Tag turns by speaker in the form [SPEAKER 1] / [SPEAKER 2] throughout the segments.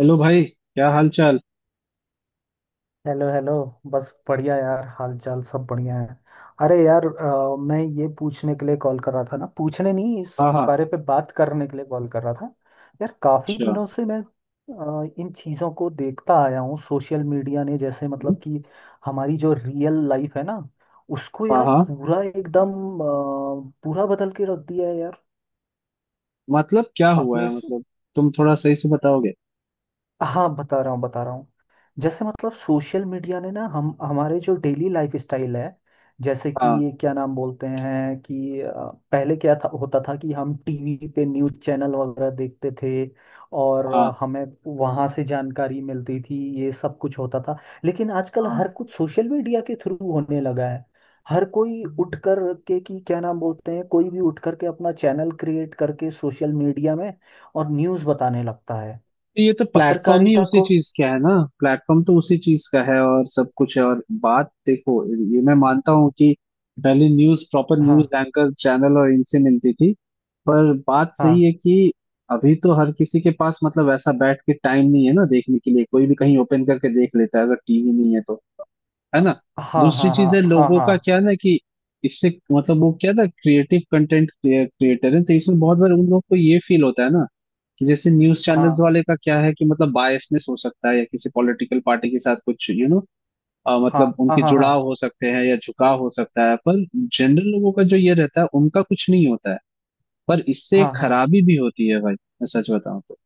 [SPEAKER 1] Hello भाई, क्या हाल चाल।
[SPEAKER 2] Hello hello. बस बढ़िया यार, हाल चाल सब बढ़िया है। अरे यार मैं ये पूछने के लिए कॉल कर रहा था ना, पूछने नहीं, इस
[SPEAKER 1] हाँ हाँ।
[SPEAKER 2] बारे पे बात करने के लिए कॉल कर रहा था। यार काफ़ी
[SPEAKER 1] अच्छा।
[SPEAKER 2] दिनों से मैं इन चीज़ों को देखता आया हूँ। सोशल मीडिया ने जैसे
[SPEAKER 1] हम्म,
[SPEAKER 2] मतलब कि हमारी जो रियल लाइफ है ना, उसको
[SPEAKER 1] हाँ
[SPEAKER 2] यार
[SPEAKER 1] हाँ।
[SPEAKER 2] पूरा एकदम पूरा बदल के रख दिया है यार
[SPEAKER 1] मतलब क्या हुआ
[SPEAKER 2] आपने।
[SPEAKER 1] है मतलब, तुम थोड़ा सही से बताओगे।
[SPEAKER 2] हाँ, बता रहा हूँ बता रहा हूँ। जैसे मतलब सोशल मीडिया ने ना हम हमारे जो डेली लाइफ स्टाइल है, जैसे कि
[SPEAKER 1] हाँ
[SPEAKER 2] ये क्या नाम बोलते हैं कि पहले क्या था, होता था कि हम टीवी पे न्यूज़ चैनल वगैरह देखते थे, और
[SPEAKER 1] हाँ
[SPEAKER 2] हमें वहाँ से जानकारी मिलती थी, ये सब कुछ होता था। लेकिन आजकल
[SPEAKER 1] हाँ।
[SPEAKER 2] हर कुछ सोशल मीडिया के थ्रू होने लगा है। हर कोई उठ कर के कि क्या नाम बोलते हैं, कोई भी उठ कर के अपना चैनल क्रिएट करके सोशल मीडिया में और न्यूज़ बताने लगता है,
[SPEAKER 1] तो ये तो प्लेटफॉर्म ही
[SPEAKER 2] पत्रकारिता
[SPEAKER 1] उसी
[SPEAKER 2] को।
[SPEAKER 1] चीज का है ना। प्लेटफॉर्म तो उसी चीज का है और सब कुछ है, और बात देखो, ये मैं मानता हूँ कि पहले न्यूज, प्रॉपर न्यूज
[SPEAKER 2] हाँ
[SPEAKER 1] एंकर चैनल और इनसे मिलती थी। पर बात सही
[SPEAKER 2] हाँ
[SPEAKER 1] है कि अभी तो हर किसी के पास मतलब ऐसा बैठ के टाइम नहीं है ना देखने के लिए, कोई भी कहीं ओपन करके देख लेता है, अगर टीवी नहीं है तो। है ना।
[SPEAKER 2] हाँ
[SPEAKER 1] दूसरी
[SPEAKER 2] हाँ
[SPEAKER 1] चीज
[SPEAKER 2] हाँ
[SPEAKER 1] है
[SPEAKER 2] हाँ
[SPEAKER 1] लोगों
[SPEAKER 2] हाँ
[SPEAKER 1] का क्या ना कि इससे मतलब वो क्या था, क्रिएटिव कंटेंट क्रिएटर है, तो इसमें बहुत बार उन लोग को ये फील होता है ना कि जैसे न्यूज चैनल्स
[SPEAKER 2] हाँ
[SPEAKER 1] वाले का क्या है कि मतलब बायसनेस हो सकता है या किसी पॉलिटिकल पार्टी के साथ कुछ यू नो,
[SPEAKER 2] हाँ
[SPEAKER 1] मतलब
[SPEAKER 2] हाँ
[SPEAKER 1] उनके
[SPEAKER 2] हाँ हाँ
[SPEAKER 1] जुड़ाव
[SPEAKER 2] हाँ
[SPEAKER 1] हो सकते हैं या झुकाव हो सकता है, पर जनरल लोगों का जो ये रहता है उनका कुछ नहीं होता है। पर इससे
[SPEAKER 2] हाँ
[SPEAKER 1] एक
[SPEAKER 2] हाँ।
[SPEAKER 1] खराबी भी होती है भाई, मैं सच बताऊं तो।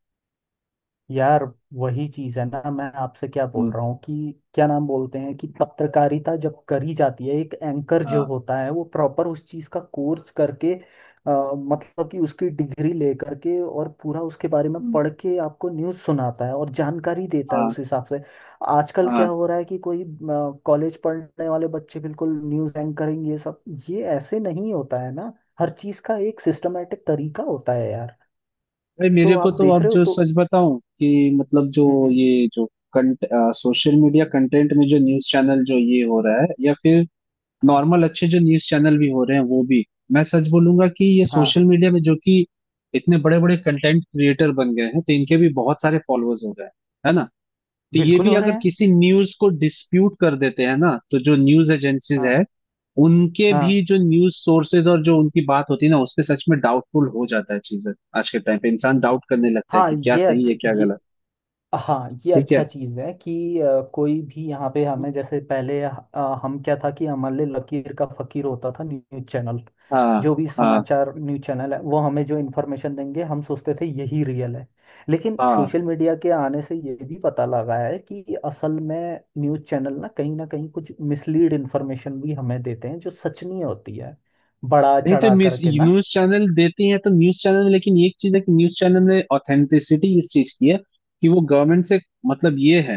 [SPEAKER 2] यार वही चीज है ना, मैं आपसे क्या बोल
[SPEAKER 1] हम्म।
[SPEAKER 2] रहा हूँ कि क्या नाम बोलते हैं कि पत्रकारिता जब करी जाती है, एक एंकर जो
[SPEAKER 1] हाँ।
[SPEAKER 2] होता है वो प्रॉपर उस चीज का कोर्स करके मतलब कि उसकी डिग्री लेकर के और पूरा उसके बारे में
[SPEAKER 1] हम्म।
[SPEAKER 2] पढ़ के आपको न्यूज़ सुनाता है और जानकारी देता है
[SPEAKER 1] हाँ
[SPEAKER 2] उस हिसाब से। आजकल
[SPEAKER 1] हाँ।
[SPEAKER 2] क्या हो रहा है कि कोई कॉलेज पढ़ने वाले बच्चे बिल्कुल न्यूज़ एंकरिंग ये सब, ये ऐसे नहीं होता है ना। हर चीज का एक सिस्टमेटिक तरीका होता है यार।
[SPEAKER 1] भाई
[SPEAKER 2] तो
[SPEAKER 1] मेरे को
[SPEAKER 2] आप
[SPEAKER 1] तो
[SPEAKER 2] देख
[SPEAKER 1] अब
[SPEAKER 2] रहे हो
[SPEAKER 1] जो
[SPEAKER 2] तो।
[SPEAKER 1] सच बताऊं कि मतलब जो
[SPEAKER 2] हम्म।
[SPEAKER 1] ये जो कंट, सोशल मीडिया कंटेंट में जो न्यूज चैनल जो ये हो रहा है या फिर
[SPEAKER 2] हाँ
[SPEAKER 1] नॉर्मल अच्छे जो न्यूज चैनल भी हो रहे हैं वो भी, मैं सच बोलूंगा कि ये
[SPEAKER 2] हाँ।
[SPEAKER 1] सोशल मीडिया में जो कि इतने बड़े बड़े कंटेंट क्रिएटर बन गए हैं, तो इनके भी बहुत सारे फॉलोअर्स हो गए हैं। है ना। तो ये
[SPEAKER 2] बिल्कुल
[SPEAKER 1] भी
[SPEAKER 2] हो रहे
[SPEAKER 1] अगर
[SPEAKER 2] हैं।
[SPEAKER 1] किसी न्यूज को डिस्प्यूट कर देते हैं ना, तो जो न्यूज एजेंसीज
[SPEAKER 2] हाँ
[SPEAKER 1] है, उनके
[SPEAKER 2] हाँ
[SPEAKER 1] भी जो न्यूज सोर्सेज और जो उनकी बात होती है ना, उस पे सच में डाउटफुल हो जाता है चीजें। आज के टाइम पे इंसान डाउट करने लगता है
[SPEAKER 2] हाँ,
[SPEAKER 1] कि क्या
[SPEAKER 2] ये
[SPEAKER 1] सही है
[SPEAKER 2] अच्छा,
[SPEAKER 1] क्या
[SPEAKER 2] ये
[SPEAKER 1] गलत।
[SPEAKER 2] हाँ, ये
[SPEAKER 1] ठीक है।
[SPEAKER 2] अच्छा चीज़ है कि कोई भी यहाँ पे हमें, जैसे पहले हम क्या था कि हमारे लकीर का फकीर होता था न्यूज़ चैनल।
[SPEAKER 1] हाँ
[SPEAKER 2] जो भी
[SPEAKER 1] हाँ
[SPEAKER 2] समाचार न्यूज़ चैनल है वो हमें जो इन्फॉर्मेशन देंगे, हम सोचते थे यही रियल है। लेकिन
[SPEAKER 1] हाँ।
[SPEAKER 2] सोशल मीडिया के आने से ये भी पता लगा है कि असल में न्यूज़ चैनल ना कहीं कुछ मिसलीड इन्फॉर्मेशन भी हमें देते हैं जो सच नहीं होती है, बड़ा
[SPEAKER 1] नहीं तो
[SPEAKER 2] चढ़ा
[SPEAKER 1] न्यूज
[SPEAKER 2] करके ना।
[SPEAKER 1] न्यूज चैनल देती है तो न्यूज चैनल में, लेकिन एक चीज है कि न्यूज चैनल में ऑथेंटिसिटी इस चीज की है कि वो गवर्नमेंट से, मतलब ये है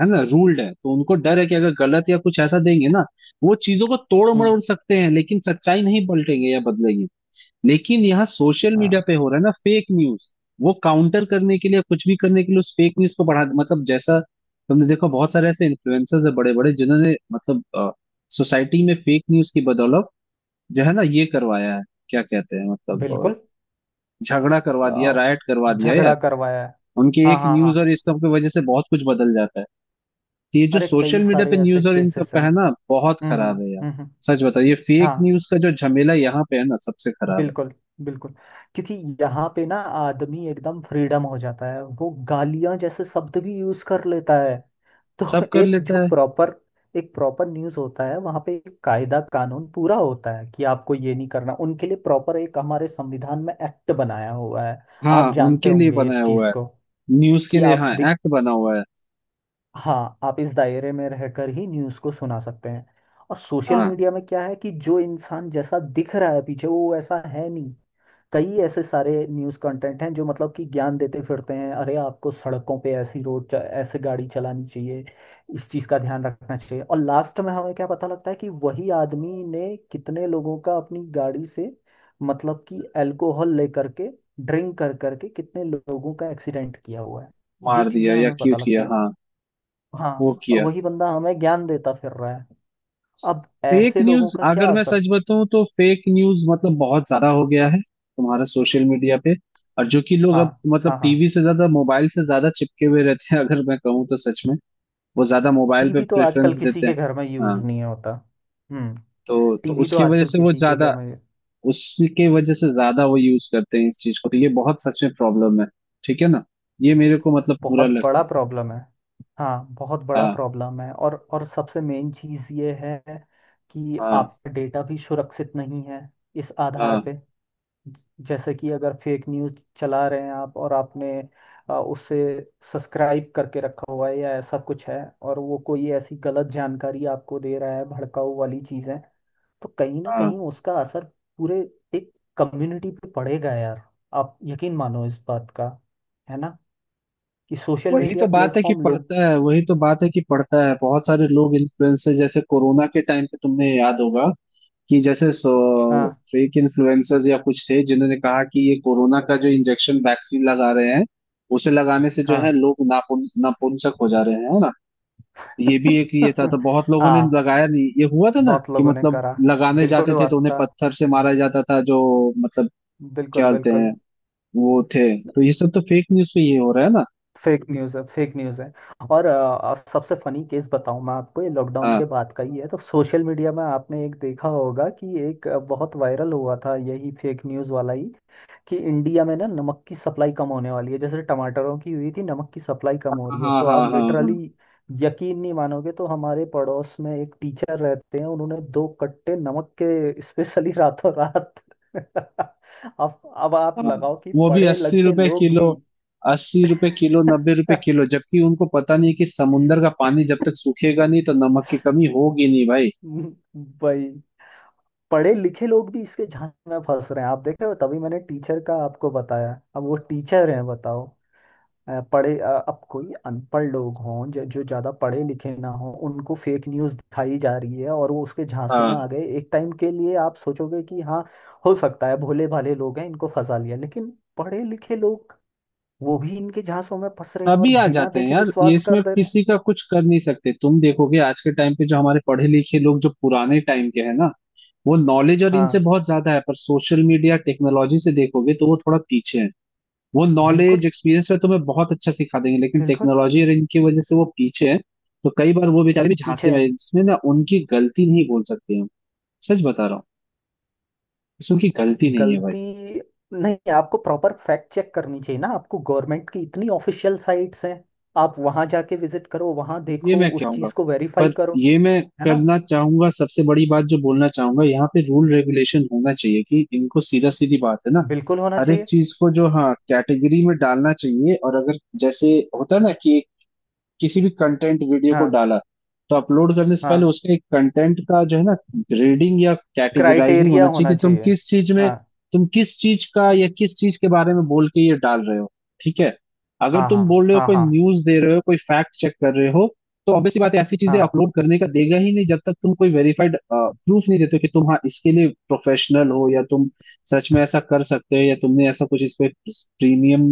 [SPEAKER 1] है ना, रूल्ड है, तो उनको डर है कि अगर गलत या कुछ ऐसा देंगे ना। वो चीजों को तोड़
[SPEAKER 2] हम्म।
[SPEAKER 1] मरोड़ सकते हैं, लेकिन सच्चाई नहीं पलटेंगे या बदलेंगे। लेकिन यहाँ सोशल मीडिया
[SPEAKER 2] हाँ,
[SPEAKER 1] पे हो रहा है ना फेक न्यूज। वो काउंटर करने के लिए, कुछ भी करने के लिए उस फेक न्यूज को बढ़ा, मतलब जैसा तुमने देखो, बहुत सारे ऐसे इन्फ्लुएंसर्स है बड़े बड़े जिन्होंने मतलब सोसाइटी में फेक न्यूज की बदौलत जो है ना ये करवाया है, क्या कहते हैं मतलब
[SPEAKER 2] बिल्कुल।
[SPEAKER 1] झगड़ा करवा दिया,
[SPEAKER 2] अ,
[SPEAKER 1] राइट करवा दिया यार।
[SPEAKER 2] झगड़ा करवाया है।
[SPEAKER 1] उनके
[SPEAKER 2] हाँ
[SPEAKER 1] एक
[SPEAKER 2] हाँ
[SPEAKER 1] न्यूज
[SPEAKER 2] हाँ।
[SPEAKER 1] और इस सब की वजह से बहुत कुछ बदल जाता है। तो ये जो
[SPEAKER 2] अरे कई
[SPEAKER 1] सोशल मीडिया
[SPEAKER 2] सारे
[SPEAKER 1] पे
[SPEAKER 2] ऐसे
[SPEAKER 1] न्यूज और इन सब
[SPEAKER 2] केसेस हैं।
[SPEAKER 1] का है ना, बहुत
[SPEAKER 2] हम्म।
[SPEAKER 1] खराब है यार।
[SPEAKER 2] हम्म।
[SPEAKER 1] सच बताओ, ये फेक
[SPEAKER 2] हाँ,
[SPEAKER 1] न्यूज का जो झमेला यहाँ पे है ना सबसे खराब है।
[SPEAKER 2] बिल्कुल बिल्कुल। क्योंकि यहाँ पे ना आदमी एकदम फ्रीडम हो जाता है, वो गालियां जैसे शब्द भी यूज कर लेता है। तो
[SPEAKER 1] सब कर
[SPEAKER 2] एक जो
[SPEAKER 1] लेता है।
[SPEAKER 2] प्रॉपर एक प्रॉपर न्यूज़ होता है, वहाँ पे एक कायदा कानून पूरा होता है कि आपको ये नहीं करना, उनके लिए प्रॉपर एक हमारे संविधान में एक्ट बनाया हुआ है।
[SPEAKER 1] हाँ,
[SPEAKER 2] आप जानते
[SPEAKER 1] उनके लिए
[SPEAKER 2] होंगे इस
[SPEAKER 1] बनाया हुआ
[SPEAKER 2] चीज़
[SPEAKER 1] है।
[SPEAKER 2] को,
[SPEAKER 1] न्यूज के
[SPEAKER 2] कि
[SPEAKER 1] लिए
[SPEAKER 2] आप
[SPEAKER 1] हाँ
[SPEAKER 2] दि-
[SPEAKER 1] एक्ट बना हुआ है।
[SPEAKER 2] हाँ, आप इस दायरे में रहकर ही न्यूज़ को सुना सकते हैं। और सोशल
[SPEAKER 1] हाँ।
[SPEAKER 2] मीडिया में क्या है कि जो इंसान जैसा दिख रहा है, पीछे वो वैसा है नहीं। कई ऐसे सारे न्यूज़ कंटेंट हैं जो मतलब कि ज्ञान देते फिरते हैं, अरे आपको सड़कों पे ऐसी रोड च- ऐसे गाड़ी चलानी चाहिए, इस चीज़ का ध्यान रखना चाहिए, और लास्ट में हमें क्या पता लगता है कि वही आदमी ने कितने लोगों का अपनी गाड़ी से मतलब कि अल्कोहल लेकर के ड्रिंक कर करके कितने लोगों का एक्सीडेंट किया हुआ है। ये
[SPEAKER 1] मार
[SPEAKER 2] चीज़ें
[SPEAKER 1] दिया या
[SPEAKER 2] हमें
[SPEAKER 1] क्यों
[SPEAKER 2] पता लगती
[SPEAKER 1] किया,
[SPEAKER 2] है।
[SPEAKER 1] हाँ। वो
[SPEAKER 2] हाँ, और
[SPEAKER 1] किया।
[SPEAKER 2] वही बंदा हमें ज्ञान देता फिर रहा है। अब
[SPEAKER 1] फेक
[SPEAKER 2] ऐसे लोगों
[SPEAKER 1] न्यूज,
[SPEAKER 2] का
[SPEAKER 1] अगर
[SPEAKER 2] क्या
[SPEAKER 1] मैं
[SPEAKER 2] असर।
[SPEAKER 1] सच बताऊं तो फेक न्यूज मतलब बहुत ज्यादा हो गया है तुम्हारा सोशल मीडिया पे। और जो कि लोग
[SPEAKER 2] हाँ
[SPEAKER 1] अब मतलब
[SPEAKER 2] हाँ हाँ।
[SPEAKER 1] टीवी से ज्यादा मोबाइल से ज्यादा चिपके हुए रहते हैं अगर मैं कहूँ तो सच में। वो ज्यादा मोबाइल पे
[SPEAKER 2] टीवी तो आजकल
[SPEAKER 1] प्रेफरेंस
[SPEAKER 2] किसी
[SPEAKER 1] देते हैं।
[SPEAKER 2] के घर में यूज
[SPEAKER 1] हाँ।
[SPEAKER 2] नहीं होता। हम्म।
[SPEAKER 1] तो
[SPEAKER 2] टीवी तो
[SPEAKER 1] उसके वजह
[SPEAKER 2] आजकल
[SPEAKER 1] से वो
[SPEAKER 2] किसी के घर
[SPEAKER 1] ज्यादा,
[SPEAKER 2] में।
[SPEAKER 1] उसके वजह से ज्यादा वो यूज करते हैं इस चीज को, तो ये बहुत सच में प्रॉब्लम है। ठीक है ना। ये मेरे को मतलब पूरा
[SPEAKER 2] बहुत
[SPEAKER 1] लगता
[SPEAKER 2] बड़ा
[SPEAKER 1] है।
[SPEAKER 2] प्रॉब्लम है। हाँ, बहुत बड़ा
[SPEAKER 1] हाँ
[SPEAKER 2] प्रॉब्लम है, और सबसे मेन चीज़ ये है कि
[SPEAKER 1] हाँ
[SPEAKER 2] आपका डेटा भी सुरक्षित नहीं है इस आधार
[SPEAKER 1] हाँ
[SPEAKER 2] पे। जैसे कि अगर फेक न्यूज़ चला रहे हैं आप, और आपने उसे सब्सक्राइब करके रखा हुआ है या ऐसा कुछ है, और वो कोई ऐसी गलत जानकारी आपको दे रहा है, भड़काऊ वाली चीज़ें, तो कहीं ना
[SPEAKER 1] हाँ।
[SPEAKER 2] कहीं उसका असर पूरे एक कम्युनिटी पे पड़ेगा यार। आप यकीन मानो इस बात का, है ना, कि सोशल
[SPEAKER 1] वही
[SPEAKER 2] मीडिया
[SPEAKER 1] तो बात है कि
[SPEAKER 2] प्लेटफॉर्म लोग।
[SPEAKER 1] पड़ता है, वही तो बात है कि पड़ता है। बहुत सारे लोग इन्फ्लुएंसर, जैसे कोरोना के टाइम पे तुमने याद होगा कि जैसे
[SPEAKER 2] हाँ
[SPEAKER 1] फेक इन्फ्लुएंसर्स या कुछ थे जिन्होंने कहा कि ये कोरोना का जो इंजेक्शन वैक्सीन लगा रहे हैं, उसे लगाने से जो है
[SPEAKER 2] हाँ।
[SPEAKER 1] लोग नापुंसक हो जा रहे हैं, है ना। ये भी एक ये था, तो बहुत लोगों ने
[SPEAKER 2] हाँ,
[SPEAKER 1] लगाया नहीं, ये हुआ था ना
[SPEAKER 2] बहुत
[SPEAKER 1] कि
[SPEAKER 2] लोगों ने
[SPEAKER 1] मतलब
[SPEAKER 2] करा।
[SPEAKER 1] लगाने
[SPEAKER 2] बिल्कुल
[SPEAKER 1] जाते थे
[SPEAKER 2] हुआ
[SPEAKER 1] तो उन्हें
[SPEAKER 2] था।
[SPEAKER 1] पत्थर से
[SPEAKER 2] हम्म,
[SPEAKER 1] मारा जाता था, जो मतलब
[SPEAKER 2] बिल्कुल
[SPEAKER 1] क्या बोलते
[SPEAKER 2] बिल्कुल।
[SPEAKER 1] हैं वो थे। तो ये सब तो फेक न्यूज पे ये हो रहा है ना।
[SPEAKER 2] फेक न्यूज़ है, फेक न्यूज़ है। और सबसे फनी केस बताऊं मैं आपको, ये लॉकडाउन
[SPEAKER 1] हाँ
[SPEAKER 2] के बाद का ही है। तो सोशल मीडिया में आपने एक देखा होगा कि एक बहुत वायरल हुआ था यही फेक न्यूज़ वाला ही, कि इंडिया में ना नमक की सप्लाई कम होने वाली है, जैसे टमाटरों की हुई थी, नमक की सप्लाई कम हो
[SPEAKER 1] हाँ
[SPEAKER 2] रही है,
[SPEAKER 1] हाँ
[SPEAKER 2] तो
[SPEAKER 1] हाँ
[SPEAKER 2] आप
[SPEAKER 1] हाँ हाँ
[SPEAKER 2] लिटरली यकीन नहीं मानोगे, तो हमारे पड़ोस में एक टीचर रहते हैं, उन्होंने दो कट्टे नमक के स्पेशली रातों रात अब आप
[SPEAKER 1] हाँ।
[SPEAKER 2] लगाओ कि
[SPEAKER 1] वो भी
[SPEAKER 2] पढ़े
[SPEAKER 1] अस्सी
[SPEAKER 2] लिखे
[SPEAKER 1] रुपए
[SPEAKER 2] लोग
[SPEAKER 1] किलो
[SPEAKER 2] भी
[SPEAKER 1] 80 रुपए किलो, नब्बे रुपए किलो जबकि उनको पता नहीं कि समुंदर का पानी जब तक सूखेगा नहीं तो नमक की कमी होगी नहीं भाई।
[SPEAKER 2] भाई पढ़े लिखे लोग भी इसके झांसे में फंस रहे हैं। आप देखे हो, तभी मैंने टीचर का आपको बताया, अब वो टीचर हैं बताओ। अब कोई अनपढ़ लोग हों जो जो ज्यादा पढ़े लिखे ना हों, उनको फेक न्यूज दिखाई जा रही है और वो उसके झांसे में
[SPEAKER 1] हाँ।
[SPEAKER 2] आ गए, एक टाइम के लिए आप सोचोगे कि हाँ, हो सकता है भोले भाले लोग हैं, इनको फंसा लिया, लेकिन पढ़े लिखे लोग वो भी इनके झांसों में फंस रहे हैं और
[SPEAKER 1] तभी आ
[SPEAKER 2] बिना
[SPEAKER 1] जाते हैं
[SPEAKER 2] देखे
[SPEAKER 1] यार, ये
[SPEAKER 2] विश्वास
[SPEAKER 1] इसमें
[SPEAKER 2] कर दे रहे हैं।
[SPEAKER 1] किसी का कुछ कर नहीं सकते। तुम देखोगे आज के टाइम पे जो हमारे पढ़े लिखे लोग जो पुराने टाइम के हैं ना, वो नॉलेज और इनसे
[SPEAKER 2] हाँ,
[SPEAKER 1] बहुत ज्यादा है, पर सोशल मीडिया टेक्नोलॉजी से देखोगे तो वो थोड़ा पीछे है। वो
[SPEAKER 2] बिल्कुल
[SPEAKER 1] नॉलेज एक्सपीरियंस है, तुम्हें बहुत अच्छा सिखा देंगे, लेकिन
[SPEAKER 2] बिल्कुल।
[SPEAKER 1] टेक्नोलॉजी और इनकी वजह से वो पीछे है। तो कई बार वो बेचारे भी
[SPEAKER 2] पीछे
[SPEAKER 1] झांसे में हैं।
[SPEAKER 2] हैं।
[SPEAKER 1] इसमें ना उनकी गलती नहीं बोल सकते हम। सच बता रहा हूँ। इसमें उनकी गलती नहीं है भाई।
[SPEAKER 2] गलती नहीं, आपको प्रॉपर फैक्ट चेक करनी चाहिए ना, आपको गवर्नमेंट की इतनी ऑफिशियल साइट्स हैं, आप वहां जाके विजिट करो, वहां
[SPEAKER 1] ये
[SPEAKER 2] देखो,
[SPEAKER 1] मैं
[SPEAKER 2] उस
[SPEAKER 1] कहूंगा,
[SPEAKER 2] चीज को वेरीफाई
[SPEAKER 1] पर
[SPEAKER 2] करो।
[SPEAKER 1] ये मैं
[SPEAKER 2] है ना,
[SPEAKER 1] करना चाहूंगा, सबसे बड़ी बात जो बोलना चाहूंगा, यहाँ पे रूल रेगुलेशन होना चाहिए कि इनको सीधा, सीधी बात है ना।
[SPEAKER 2] बिल्कुल होना
[SPEAKER 1] हर एक
[SPEAKER 2] चाहिए।
[SPEAKER 1] चीज को जो हाँ कैटेगरी में डालना चाहिए, और अगर जैसे होता है ना कि किसी भी कंटेंट वीडियो को
[SPEAKER 2] हाँ
[SPEAKER 1] डाला, तो अपलोड करने से पहले
[SPEAKER 2] हाँ,
[SPEAKER 1] उसका एक कंटेंट का जो है ना ग्रेडिंग या कैटेगराइजिंग
[SPEAKER 2] क्राइटेरिया
[SPEAKER 1] होना चाहिए
[SPEAKER 2] होना
[SPEAKER 1] कि तुम
[SPEAKER 2] चाहिए।
[SPEAKER 1] किस चीज में,
[SPEAKER 2] हाँ
[SPEAKER 1] तुम किस चीज का या किस चीज के बारे में बोल के ये डाल रहे हो। ठीक है। अगर
[SPEAKER 2] हाँ
[SPEAKER 1] तुम
[SPEAKER 2] हाँ
[SPEAKER 1] बोल रहे हो, कोई
[SPEAKER 2] हाँ
[SPEAKER 1] न्यूज दे रहे हो, कोई फैक्ट चेक कर रहे हो, तो ऑब्वियसली बात है, ऐसी चीजें
[SPEAKER 2] हाँ
[SPEAKER 1] अपलोड करने का देगा ही नहीं जब तक तुम कोई वेरीफाइड प्रूफ नहीं देते हो कि तुम हाँ इसके लिए प्रोफेशनल हो, या तुम सच में ऐसा कर सकते हो, या तुमने ऐसा कुछ इस पे प्रीमियम,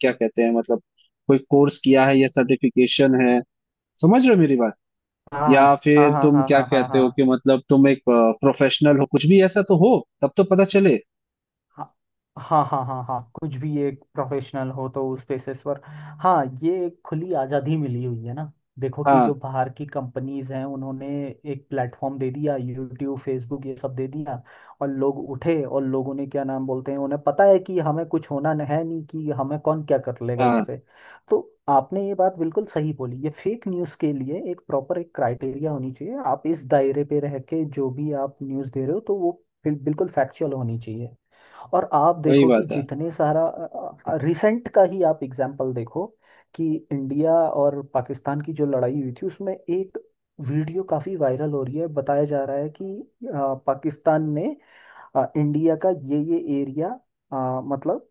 [SPEAKER 1] क्या कहते हैं मतलब, कोई कोर्स किया है या सर्टिफिकेशन है। समझ रहे हो मेरी बात।
[SPEAKER 2] हाँ
[SPEAKER 1] या
[SPEAKER 2] हाँ
[SPEAKER 1] फिर
[SPEAKER 2] हाँ
[SPEAKER 1] तुम
[SPEAKER 2] हाँ हाँ
[SPEAKER 1] क्या
[SPEAKER 2] हाँ हाँ हाँ
[SPEAKER 1] कहते हो
[SPEAKER 2] हाँ
[SPEAKER 1] कि मतलब तुम एक प्रोफेशनल हो, कुछ भी ऐसा तो हो, तब तो पता चले।
[SPEAKER 2] हाँ हाँ हाँ हाँ हाँ, कुछ भी एक प्रोफेशनल हो तो उस बेसिस पर। हाँ, ये एक खुली आज़ादी मिली हुई है ना। देखो कि
[SPEAKER 1] हाँ
[SPEAKER 2] जो बाहर की कंपनीज हैं उन्होंने एक प्लेटफॉर्म दे दिया, यूट्यूब फेसबुक ये सब दे दिया, और लोग उठे और लोगों ने क्या नाम बोलते हैं, उन्हें पता है कि हमें कुछ होना न- है नहीं, कि हमें कौन क्या कर लेगा इस
[SPEAKER 1] हाँ।
[SPEAKER 2] पे। तो आपने ये बात बिल्कुल सही बोली, ये फेक न्यूज़ के लिए एक प्रॉपर एक क्राइटेरिया होनी चाहिए, आप इस दायरे पे रह के जो भी आप न्यूज़ दे रहे हो तो वो बिल्कुल फैक्चुअल होनी चाहिए। और आप
[SPEAKER 1] वही
[SPEAKER 2] देखो कि
[SPEAKER 1] बात है।
[SPEAKER 2] जितने सारा रिसेंट का ही आप एग्जाम्पल देखो, कि इंडिया और पाकिस्तान की जो लड़ाई हुई थी उसमें एक वीडियो काफी वायरल हो रही है, बताया जा रहा है कि पाकिस्तान ने इंडिया का ये एरिया मतलब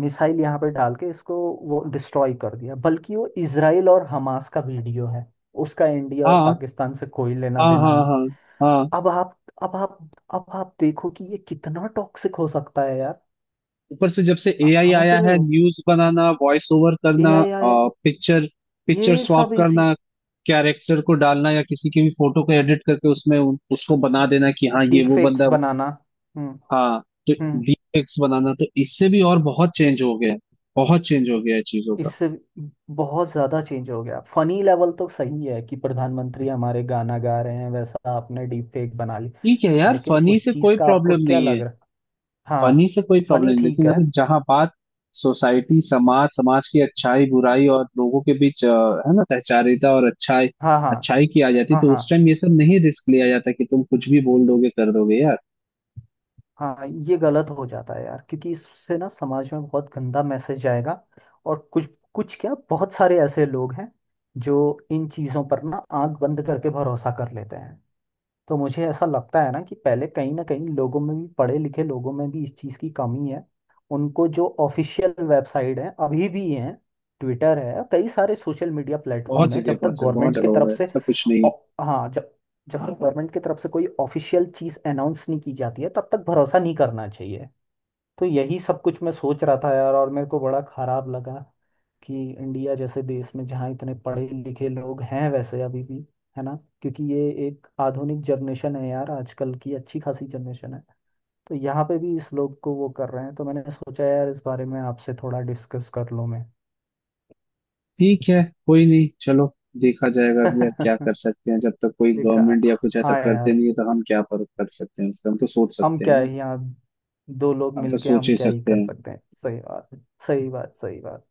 [SPEAKER 2] मिसाइल यहाँ पे डाल के इसको वो डिस्ट्रॉय कर दिया, बल्कि वो इसराइल और हमास का वीडियो है, उसका इंडिया और
[SPEAKER 1] हाँ
[SPEAKER 2] पाकिस्तान से कोई लेना
[SPEAKER 1] हाँ
[SPEAKER 2] देना
[SPEAKER 1] हाँ
[SPEAKER 2] नहीं।
[SPEAKER 1] हाँ हाँ।
[SPEAKER 2] अब आप अब आप अब आप देखो कि ये कितना टॉक्सिक हो सकता है यार।
[SPEAKER 1] ऊपर से जब से
[SPEAKER 2] आप
[SPEAKER 1] एआई
[SPEAKER 2] समझ
[SPEAKER 1] आया
[SPEAKER 2] रहे
[SPEAKER 1] है,
[SPEAKER 2] हो।
[SPEAKER 1] न्यूज बनाना, वॉइस ओवर करना,
[SPEAKER 2] AI आया है,
[SPEAKER 1] पिक्चर पिक्चर
[SPEAKER 2] ये
[SPEAKER 1] स्वैप
[SPEAKER 2] सब इजी,
[SPEAKER 1] करना, कैरेक्टर को डालना, या किसी की भी फोटो को एडिट करके उसमें उसको बना देना कि हाँ ये वो बंदा
[SPEAKER 2] डिफेक्ट्स
[SPEAKER 1] है,
[SPEAKER 2] बनाना। हम्म
[SPEAKER 1] हाँ। तो
[SPEAKER 2] हम्म।
[SPEAKER 1] वीएक्स बनाना, तो इससे भी और बहुत चेंज हो गया है। बहुत चेंज हो गया है चीजों का।
[SPEAKER 2] इससे बहुत ज्यादा चेंज हो गया। फनी लेवल तो सही है कि प्रधानमंत्री हमारे गाना गा रहे हैं, वैसा आपने डिफेक्ट बना ली।
[SPEAKER 1] ठीक है यार,
[SPEAKER 2] लेकिन
[SPEAKER 1] फनी
[SPEAKER 2] उस
[SPEAKER 1] से
[SPEAKER 2] चीज
[SPEAKER 1] कोई
[SPEAKER 2] का आपको
[SPEAKER 1] प्रॉब्लम
[SPEAKER 2] क्या
[SPEAKER 1] नहीं है।
[SPEAKER 2] लग रहा।
[SPEAKER 1] फनी
[SPEAKER 2] हाँ,
[SPEAKER 1] से कोई प्रॉब्लम
[SPEAKER 2] फनी
[SPEAKER 1] नहीं,
[SPEAKER 2] ठीक
[SPEAKER 1] लेकिन
[SPEAKER 2] है।
[SPEAKER 1] अगर जहां बात सोसाइटी, समाज समाज की अच्छाई बुराई और लोगों के बीच है ना सहचारिता और अच्छाई,
[SPEAKER 2] हाँ हाँ
[SPEAKER 1] अच्छाई की आ जाती,
[SPEAKER 2] हाँ
[SPEAKER 1] तो उस
[SPEAKER 2] हाँ
[SPEAKER 1] टाइम ये सब नहीं रिस्क लिया जाता कि तुम कुछ भी बोल दोगे कर दोगे यार।
[SPEAKER 2] हाँ, ये गलत हो जाता है यार, क्योंकि इससे ना समाज में बहुत गंदा मैसेज जाएगा, और कुछ कुछ क्या, बहुत सारे ऐसे लोग हैं जो इन चीज़ों पर ना आंख बंद करके भरोसा कर लेते हैं। तो मुझे ऐसा लगता है ना कि पहले कहीं ना कहीं लोगों में भी, पढ़े लिखे लोगों में भी इस चीज़ की कमी है। उनको जो ऑफिशियल वेबसाइट है अभी भी है, ट्विटर है, कई सारे सोशल मीडिया
[SPEAKER 1] बहुत
[SPEAKER 2] प्लेटफॉर्म है,
[SPEAKER 1] जगह,
[SPEAKER 2] जब तक
[SPEAKER 1] बहुत जगह, बहुत
[SPEAKER 2] गवर्नमेंट
[SPEAKER 1] जगह
[SPEAKER 2] की
[SPEAKER 1] हो
[SPEAKER 2] तरफ
[SPEAKER 1] रहा है,
[SPEAKER 2] से
[SPEAKER 1] ऐसा कुछ नहीं है।
[SPEAKER 2] औ- हाँ, जब जब तक गवर्नमेंट की तरफ से कोई ऑफिशियल चीज़ अनाउंस नहीं की जाती है, तब तक भरोसा नहीं करना चाहिए। तो यही सब कुछ मैं सोच रहा था यार, और मेरे को बड़ा खराब लगा कि इंडिया जैसे देश में जहाँ इतने पढ़े लिखे लोग हैं, वैसे अभी भी है ना। क्योंकि ये एक आधुनिक जनरेशन है यार, आजकल की अच्छी खासी जनरेशन है, तो यहाँ पे भी इस लोग को वो कर रहे हैं। तो मैंने सोचा यार, इस बारे में आपसे थोड़ा डिस्कस कर लूँ मैं।
[SPEAKER 1] ठीक है। कोई नहीं, चलो। देखा जाएगा अभी यार, क्या कर सकते हैं जब तक कोई
[SPEAKER 2] देखा।
[SPEAKER 1] गवर्नमेंट या कुछ ऐसा
[SPEAKER 2] हाँ
[SPEAKER 1] करते
[SPEAKER 2] यार,
[SPEAKER 1] नहीं है, तो हम क्या पर कर सकते हैं, इसका हम तो सोच
[SPEAKER 2] हम
[SPEAKER 1] सकते हैं
[SPEAKER 2] क्या
[SPEAKER 1] ना।
[SPEAKER 2] है यहाँ, दो लोग
[SPEAKER 1] हम तो
[SPEAKER 2] मिलके
[SPEAKER 1] सोच
[SPEAKER 2] हम
[SPEAKER 1] ही
[SPEAKER 2] क्या ही
[SPEAKER 1] सकते
[SPEAKER 2] कर
[SPEAKER 1] हैं।
[SPEAKER 2] सकते हैं। सही बात, सही बात, सही बात।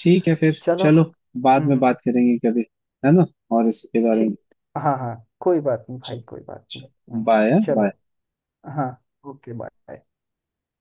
[SPEAKER 1] ठीक है फिर,
[SPEAKER 2] चलो।
[SPEAKER 1] चलो। बाद में
[SPEAKER 2] हम्म।
[SPEAKER 1] बात करेंगे कभी। है ना। और इसके बारे में।
[SPEAKER 2] ठीक। हाँ हाँ, कोई बात नहीं भाई,
[SPEAKER 1] चलो,
[SPEAKER 2] कोई बात नहीं। हाँ,
[SPEAKER 1] बाय बाय।
[SPEAKER 2] चलो। हाँ, ओके बाय।